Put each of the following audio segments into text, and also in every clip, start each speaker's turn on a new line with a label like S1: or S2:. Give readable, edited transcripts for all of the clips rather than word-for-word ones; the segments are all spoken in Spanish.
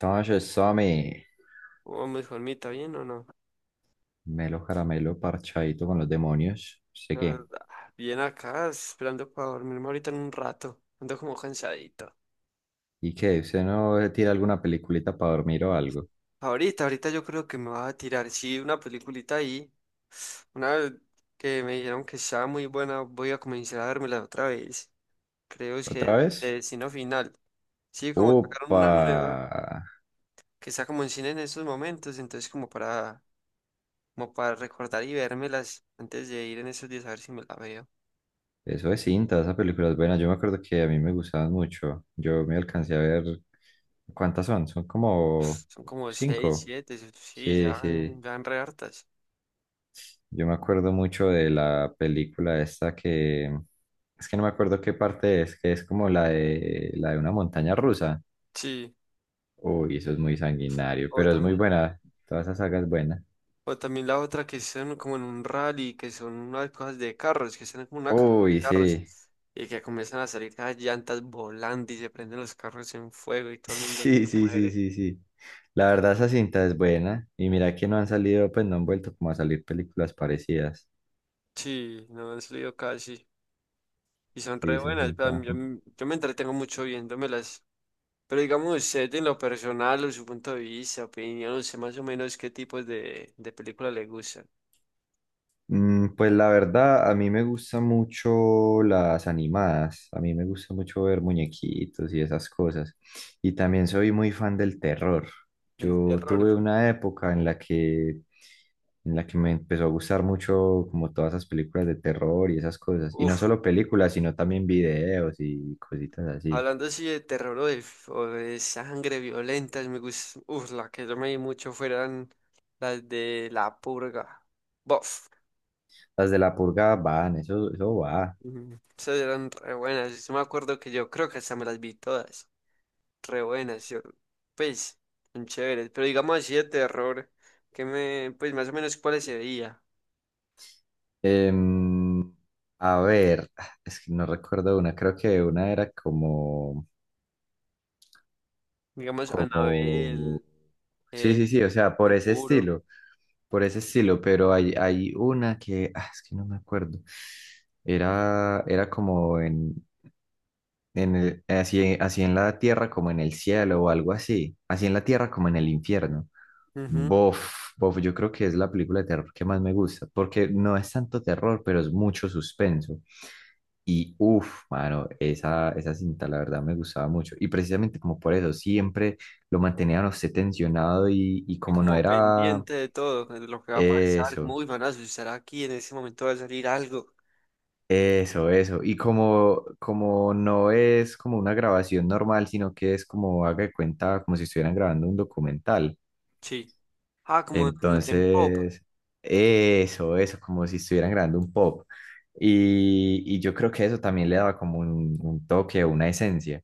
S1: Entonces, eso me
S2: Oh, mi Juanmita, ¿bien o no?
S1: melo caramelo parchadito con los demonios. No sé
S2: Ah,
S1: qué.
S2: ah, bien acá, esperando para dormirme ahorita en un rato. Ando como cansadito.
S1: ¿Y qué? ¿Usted no tira alguna peliculita para dormir o algo?
S2: Ahorita yo creo que me va a tirar, sí, una peliculita ahí. Una que me dijeron que estaba muy buena, voy a comenzar a vérmela otra vez. Creo es
S1: ¿Otra
S2: que de
S1: vez?
S2: Destino Final. Sí, como sacaron una nueva
S1: ¡Upa!
S2: que está como en cine en estos momentos, entonces como para, como para recordar y vérmelas antes de ir en esos días a ver si me la veo.
S1: Eso es cinta, esa película es buena. Yo me acuerdo que a mí me gustaban mucho. Yo me alcancé a ver. ¿Cuántas son? Son como
S2: Son como seis,
S1: cinco.
S2: siete, sí, ya,
S1: Sí, sí.
S2: ya en re hartas.
S1: Yo me acuerdo mucho de la película esta que. Es que no me acuerdo qué parte es, que es como la de una montaña rusa.
S2: Sí,
S1: Uy, eso es muy sanguinario,
S2: o
S1: pero es muy
S2: también,
S1: buena. Toda esa saga es buena.
S2: o también la otra que están como en un rally, que son unas cosas de carros, que están como una carrera de
S1: Uy,
S2: carros,
S1: sí.
S2: y que comienzan a salir las llantas volando y se prenden los carros en fuego y todo el mundo se
S1: Sí, sí, sí,
S2: muere.
S1: sí, sí. La verdad, esa cinta es buena. Y mira que no han salido, pues no han vuelto como a salir películas parecidas.
S2: Sí, no han salido casi. Y son
S1: Sí,
S2: re
S1: esa
S2: buenas, pero a mí-
S1: cinta.
S2: yo, m- yo me entretengo mucho viéndomelas. Pero digamos usted en lo personal, o su punto de vista, opinión, no sé más o menos qué tipos de películas le gustan.
S1: Mm, pues la verdad, a mí me gustan mucho las animadas, a mí me gusta mucho ver muñequitos y esas cosas. Y también soy muy fan del terror.
S2: Del
S1: Yo
S2: terror.
S1: tuve una época en la que me empezó a gustar mucho como todas esas películas de terror y esas cosas. Y no
S2: Uf.
S1: solo películas, sino también videos y cositas así.
S2: Hablando así de terror o de sangre violenta, me gusta, uf, la que yo me vi mucho fueran las de La Purga. Bof.
S1: Las de la purga van, eso va.
S2: Ujú. Esas eran re buenas. Yo sí me acuerdo que yo creo que hasta me las vi todas. Re buenas, yo, pues, son chéveres. Pero digamos así de terror, que me, pues más o menos cuáles se veía.
S1: Em, a ver, es que no recuerdo una, creo que una era como...
S2: Digamos
S1: Como...
S2: Anabel,
S1: Sí,
S2: eh,
S1: sí, sí, o sea, por ese
S2: Conjuro.
S1: estilo, por ese estilo, pero hay una que, ah, es que no me acuerdo, era como en el- así, así en la tierra como en el cielo o algo así, así en la tierra como en el infierno.
S2: Ujú,
S1: Bof, bof, yo creo que es la película de terror que más me gusta, porque no es tanto terror, pero es mucho suspenso. Y uff, mano, esa cinta la verdad me gustaba mucho. Y precisamente como por eso, siempre lo mantenían a usted tensionado y
S2: y
S1: como no
S2: como
S1: era
S2: pendiente de todo, de lo que va a pasar, como,
S1: eso,
S2: uy, van a asustar aquí, en ese momento va a salir algo.
S1: eso, eso. Y como, como no es como una grabación normal, sino que es como haga de cuenta, como si estuvieran grabando un documental.
S2: Sí. Ah, como en pop.
S1: Entonces, eso, como si estuvieran grabando un pop. Y yo creo que eso también le daba como un toque una esencia.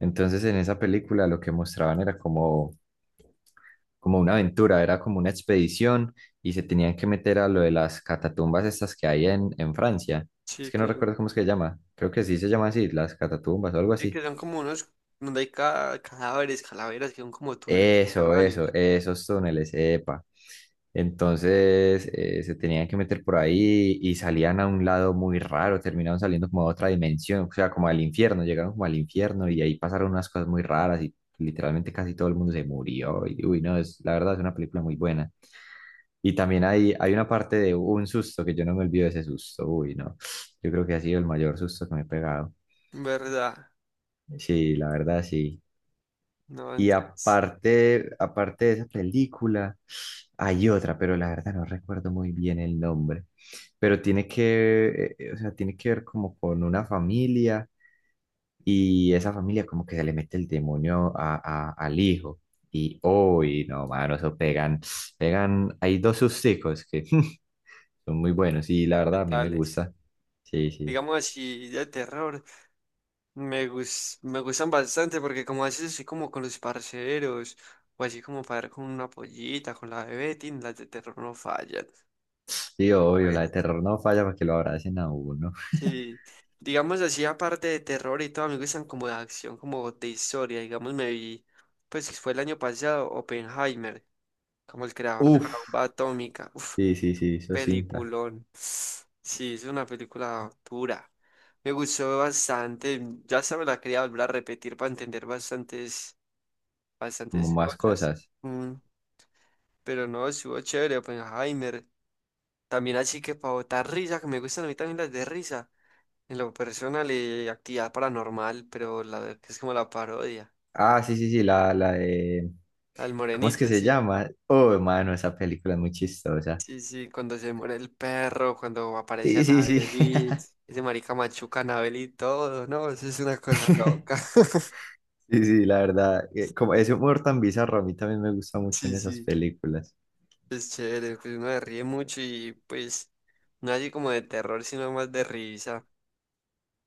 S1: Entonces, en esa película lo que mostraban era como, como una aventura, era como una expedición y se tenían que meter a lo de las catatumbas estas que hay en Francia. Es
S2: Sí,
S1: que no
S2: que son,
S1: recuerdo cómo es que se llama. Creo que sí se llama así, las catatumbas o algo
S2: sí, que
S1: así.
S2: son como unos donde hay cadáveres, calaveras, que son como túneles
S1: Eso,
S2: subterráneos.
S1: esos túneles, epa. Entonces se tenían que meter por ahí y salían a un lado muy raro, terminaron saliendo como a otra dimensión, o sea, como al infierno, llegaron como al infierno y ahí pasaron unas cosas muy raras y literalmente casi todo el mundo se murió. Y, uy, no, es, la verdad es una película muy buena. Y también hay una parte de un susto que yo no me olvido de ese susto, uy, no, yo creo que ha sido el mayor susto que me he pegado.
S2: ¿Verdad?
S1: Sí, la verdad, sí.
S2: No,
S1: Y
S2: entonces,
S1: aparte de esa película, hay otra, pero la verdad no recuerdo muy bien el nombre. Pero tiene que, o sea, tiene que ver como con una familia y esa familia como que se le mete el demonio a- al hijo. Y uy no, mano, eso pegan, pegan, hay dos susticos que son muy buenos y la verdad a mí me
S2: tales.
S1: gusta. Sí, sí.
S2: Digamos así, de terror. Me gustan bastante porque como haces así como con los parceros, o así como para ver con una pollita, con la bebé, tin, las de terror no fallan.
S1: Sí,
S2: Es como
S1: obvio, la de
S2: bueno.
S1: terror no falla para que lo abracen a uno.
S2: Sí, digamos así, aparte de terror y todo, a mí me gustan como de acción, como de historia. Digamos, me vi, pues fue el año pasado, Oppenheimer, como el creador de
S1: Uf,
S2: la bomba atómica. Uf,
S1: sí, sí, sí, eso cinta,
S2: peliculón. Sí, es una película dura. Me gustó bastante. Ya se me la quería volver a repetir para entender bastantes,
S1: como
S2: bastantes
S1: más
S2: cosas.
S1: cosas.
S2: Mm, pero no, estuvo chévere, Oppenheimer. También así que para botar risa, que me gustan a mí también las de risa. En lo personal y actividad paranormal, pero la verdad que es como la parodia.
S1: Ah, sí, sí, sí, la de...
S2: Al
S1: ¿Cómo es que
S2: morenito,
S1: se
S2: sí.
S1: llama? Oh, hermano, esa película es muy chistosa.
S2: Sí, sí, cuando se muere el perro, cuando aparece
S1: Sí, sí, sí.
S2: Anabel y ese marica machuca a Anabel y todo, no, eso es una cosa loca.
S1: Sí, sí, la verdad. Como ese humor tan bizarro a mí también me gusta mucho
S2: Sí,
S1: en esas
S2: sí,
S1: películas.
S2: es chévere, pues uno se ríe mucho y pues no así como de terror, sino más de risa.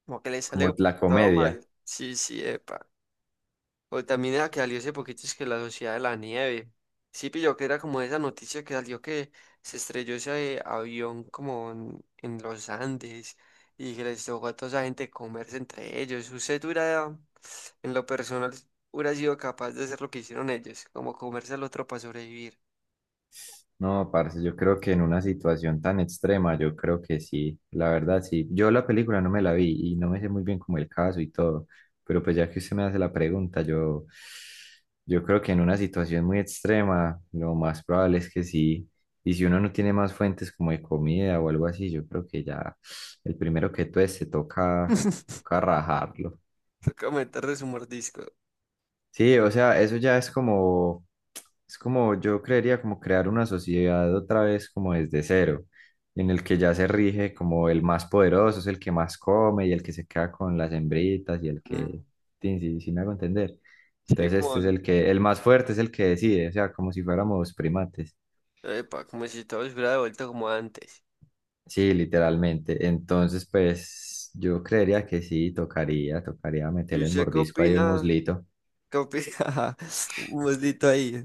S2: Como que le sale
S1: Como la
S2: todo
S1: comedia.
S2: mal. Sí, sí, epa. O también era que salió hace poquito es que la Sociedad de la Nieve. Sí, pilló que era como esa noticia que salió que se estrelló ese avión como en los Andes y que les tocó a toda esa gente comerse entre ellos. Usted hubiera, en lo personal, hubiera sido capaz de hacer lo que hicieron ellos, como comerse al otro para sobrevivir.
S1: No, parce, yo creo que en una situación tan extrema, yo creo que sí, la verdad sí. Yo la película no me la vi y no me sé muy bien como el caso y todo, pero pues ya que usted me hace la pregunta, yo creo que en una situación muy extrema, lo más probable es que sí. Y si uno no tiene más fuentes como de comida o algo así, yo creo que ya el primero que tueste toca, toca rajarlo.
S2: Toca meterle su mordisco.
S1: Sí, o sea, eso ya es como yo creería como crear una sociedad otra vez como desde cero, en el que ya se rige como el más poderoso es el que más come y el que se queda con las hembritas y el que,
S2: Mm,
S1: sí, sí, sí me hago entender.
S2: sí,
S1: Entonces
S2: como,
S1: este es el que, el más fuerte es el que decide, o sea, como si fuéramos primates.
S2: epa, como si todo se hubiera devuelto como antes.
S1: Sí, literalmente. Entonces, pues yo creería que sí, tocaría, tocaría
S2: ¿Y
S1: meterle el
S2: usted qué
S1: mordisco ahí a un
S2: opina?
S1: muslito.
S2: ¿Qué opina? Un moslito ahí.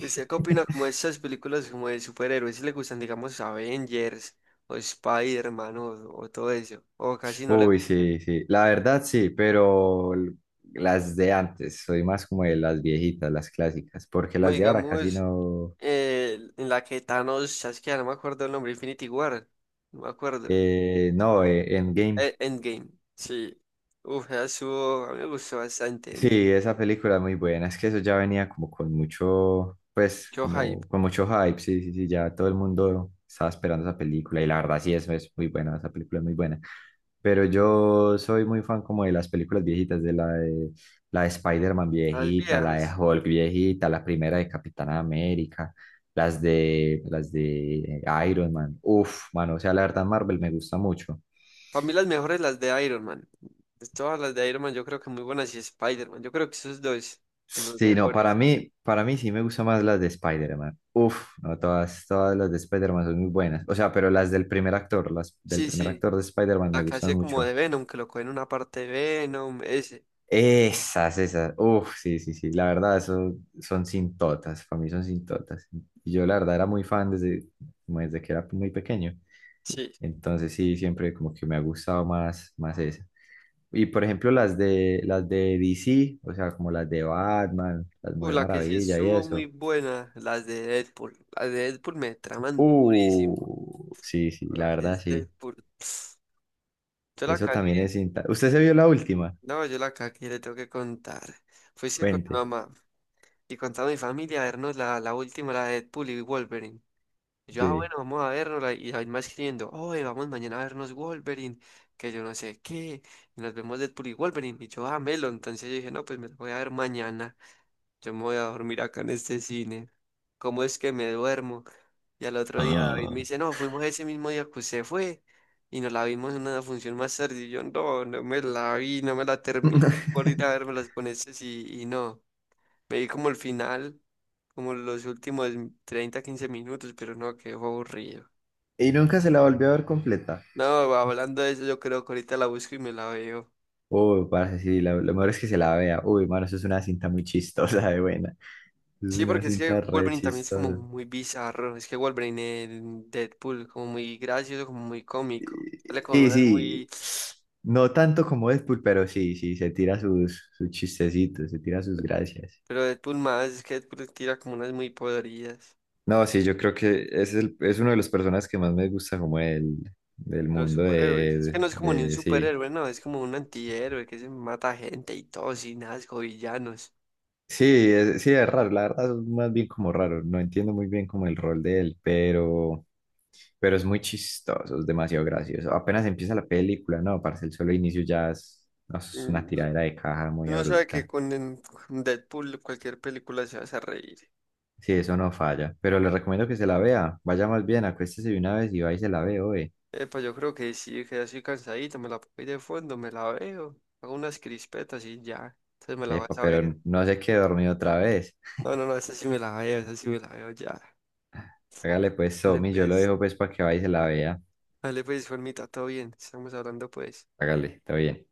S2: ¿Usted qué opina como de estas películas como de superhéroes? Si le gustan, digamos, Avengers o Spider-Man o todo eso, o casi no le
S1: Uy,
S2: mete.
S1: sí, sí. La verdad sí, pero l- las de antes, soy más como de las viejitas, las clásicas, porque
S2: Como
S1: las de ahora casi
S2: digamos,
S1: no.
S2: en la que Thanos chasquea, no me acuerdo el nombre, Infinity War, no me acuerdo.
S1: No, Endgame.
S2: Endgame, sí. Uf, esa estuvo- a mí me gustó bastante
S1: Sí,
S2: Endgame.
S1: esa película es muy buena, es que eso ya venía como con mucho, pues,
S2: Yo hype.
S1: como con mucho hype, sí, sí, sí, ya todo el mundo estaba esperando esa película y la verdad sí, eso es muy buena, esa película es muy buena. Pero yo soy muy fan como de las películas viejitas, de la de Spider-Man
S2: Las
S1: viejita, la de
S2: viejas.
S1: Hulk viejita, la primera de Capitana América, las de Iron Man, uf, mano, o sea, la verdad Marvel me gusta mucho.
S2: Para mí las mejores las de Iron Man. Pues todas las de Iron Man yo creo que muy buenas y Spider-Man. Yo creo que esos dos, los
S1: Sí, no,
S2: mejores.
S1: para mí sí me gustan más las de Spider-Man. Uf, no, todas, todas las de Spider-Man son muy buenas. O sea, pero las del
S2: Sí,
S1: primer
S2: sí.
S1: actor de Spider-Man
S2: La
S1: me
S2: que
S1: gustan
S2: hace como
S1: mucho.
S2: de Venom, que lo coge en una parte de Venom, ese.
S1: Esas, esas. Uf, sí, sí, sí. La verdad, eso son sintotas. Para mí son sintotas. Y yo la verdad era muy fan desde, como desde que era muy pequeño.
S2: Sí.
S1: Entonces sí, siempre como que me ha gustado más, más esa. Y por ejemplo, las de DC, o sea, como las de Batman, las Mujer
S2: La que sí
S1: Maravilla y
S2: estuvo muy
S1: eso.
S2: buena, las de Deadpool. Las de Deadpool me traman durísimo.
S1: Sí, sí,
S2: Lo
S1: la
S2: que
S1: verdad
S2: es
S1: sí.
S2: Deadpool. Yo la
S1: Eso también
S2: cagué.
S1: es cinta. ¿Usted se vio la última?
S2: No, yo la cagué, le tengo que contar. Fuiste con mi
S1: Cuente.
S2: mamá y con toda mi familia a vernos la última, la de Deadpool y Wolverine. Y yo, ah,
S1: Sí.
S2: bueno, vamos a vernos. Y ahí más escribiendo, oye, vamos mañana a vernos Wolverine, que yo no sé qué. Y nos vemos Deadpool y Wolverine. Y yo, ah, Melo. Entonces yo dije, no, pues me lo voy a ver mañana. Yo me voy a dormir acá en este cine. ¿Cómo es que me duermo? Y al otro día David me
S1: Ah,
S2: dice, no, fuimos ese mismo día que usted fue y nos la vimos en una función más tarde. Y yo, no, no me la vi, no me la terminé por ir a vermelas con estos y no. Me vi como el final, como los últimos 30 15 minutos, pero no, quedó aburrido.
S1: Y nunca se la volvió a ver completa.
S2: No, hablando de eso, yo creo que ahorita la busco y me la veo.
S1: Uy, parce, sí, la- lo mejor es que se la vea. Uy, mano, eso es una cinta muy chistosa de buena. Es
S2: Sí,
S1: una
S2: porque es que
S1: cinta re
S2: Wolverine también es como
S1: chistosa.
S2: muy bizarro. Es que Wolverine en Deadpool, como muy gracioso, como muy cómico. Sale con
S1: Sí,
S2: unas
S1: sí.
S2: muy.
S1: No tanto como Deadpool, pero sí, sí, se tira sus chistecitos, se tira sus gracias.
S2: Pero Deadpool más, es que Deadpool tira como unas muy podridas.
S1: No, sí, yo creo que es, el- es uno de los personajes que más me gusta como el, del
S2: Los
S1: mundo
S2: superhéroes. Es que
S1: de,
S2: no es como
S1: de,
S2: ni un
S1: de- sí.
S2: superhéroe, no. Es como un antihéroe que se mata gente y todo, sin asco, villanos.
S1: Sí, es raro, la verdad es más bien como raro, no entiendo muy bien como el rol de él, pero es muy chistoso, es demasiado gracioso. Apenas empieza la película, no, parce, el solo inicio ya es, no, es una
S2: Mm,
S1: tiradera de caja muy
S2: uno sabe que
S1: abrupta.
S2: con con Deadpool cualquier película se hace reír.
S1: Sí, eso no falla, pero le recomiendo que se la vea, vaya más bien, acuéstese de una vez y va y se la ve, oye.
S2: Pues yo creo que sí, que ya estoy cansadito, me la pongo ahí de fondo, me la veo, hago unas crispetas y ya. Entonces me la vas
S1: Epa,
S2: a
S1: pero
S2: ver.
S1: no se quede dormido otra vez.
S2: No, no, no, esa sí me la veo, esa sí me la veo ya.
S1: Hágale pues,
S2: Dale
S1: Somi, yo lo
S2: pues,
S1: dejo pues para que vaya y se la vea.
S2: dale pues, Juanmita, todo bien, estamos hablando pues.
S1: Hágale, está bien.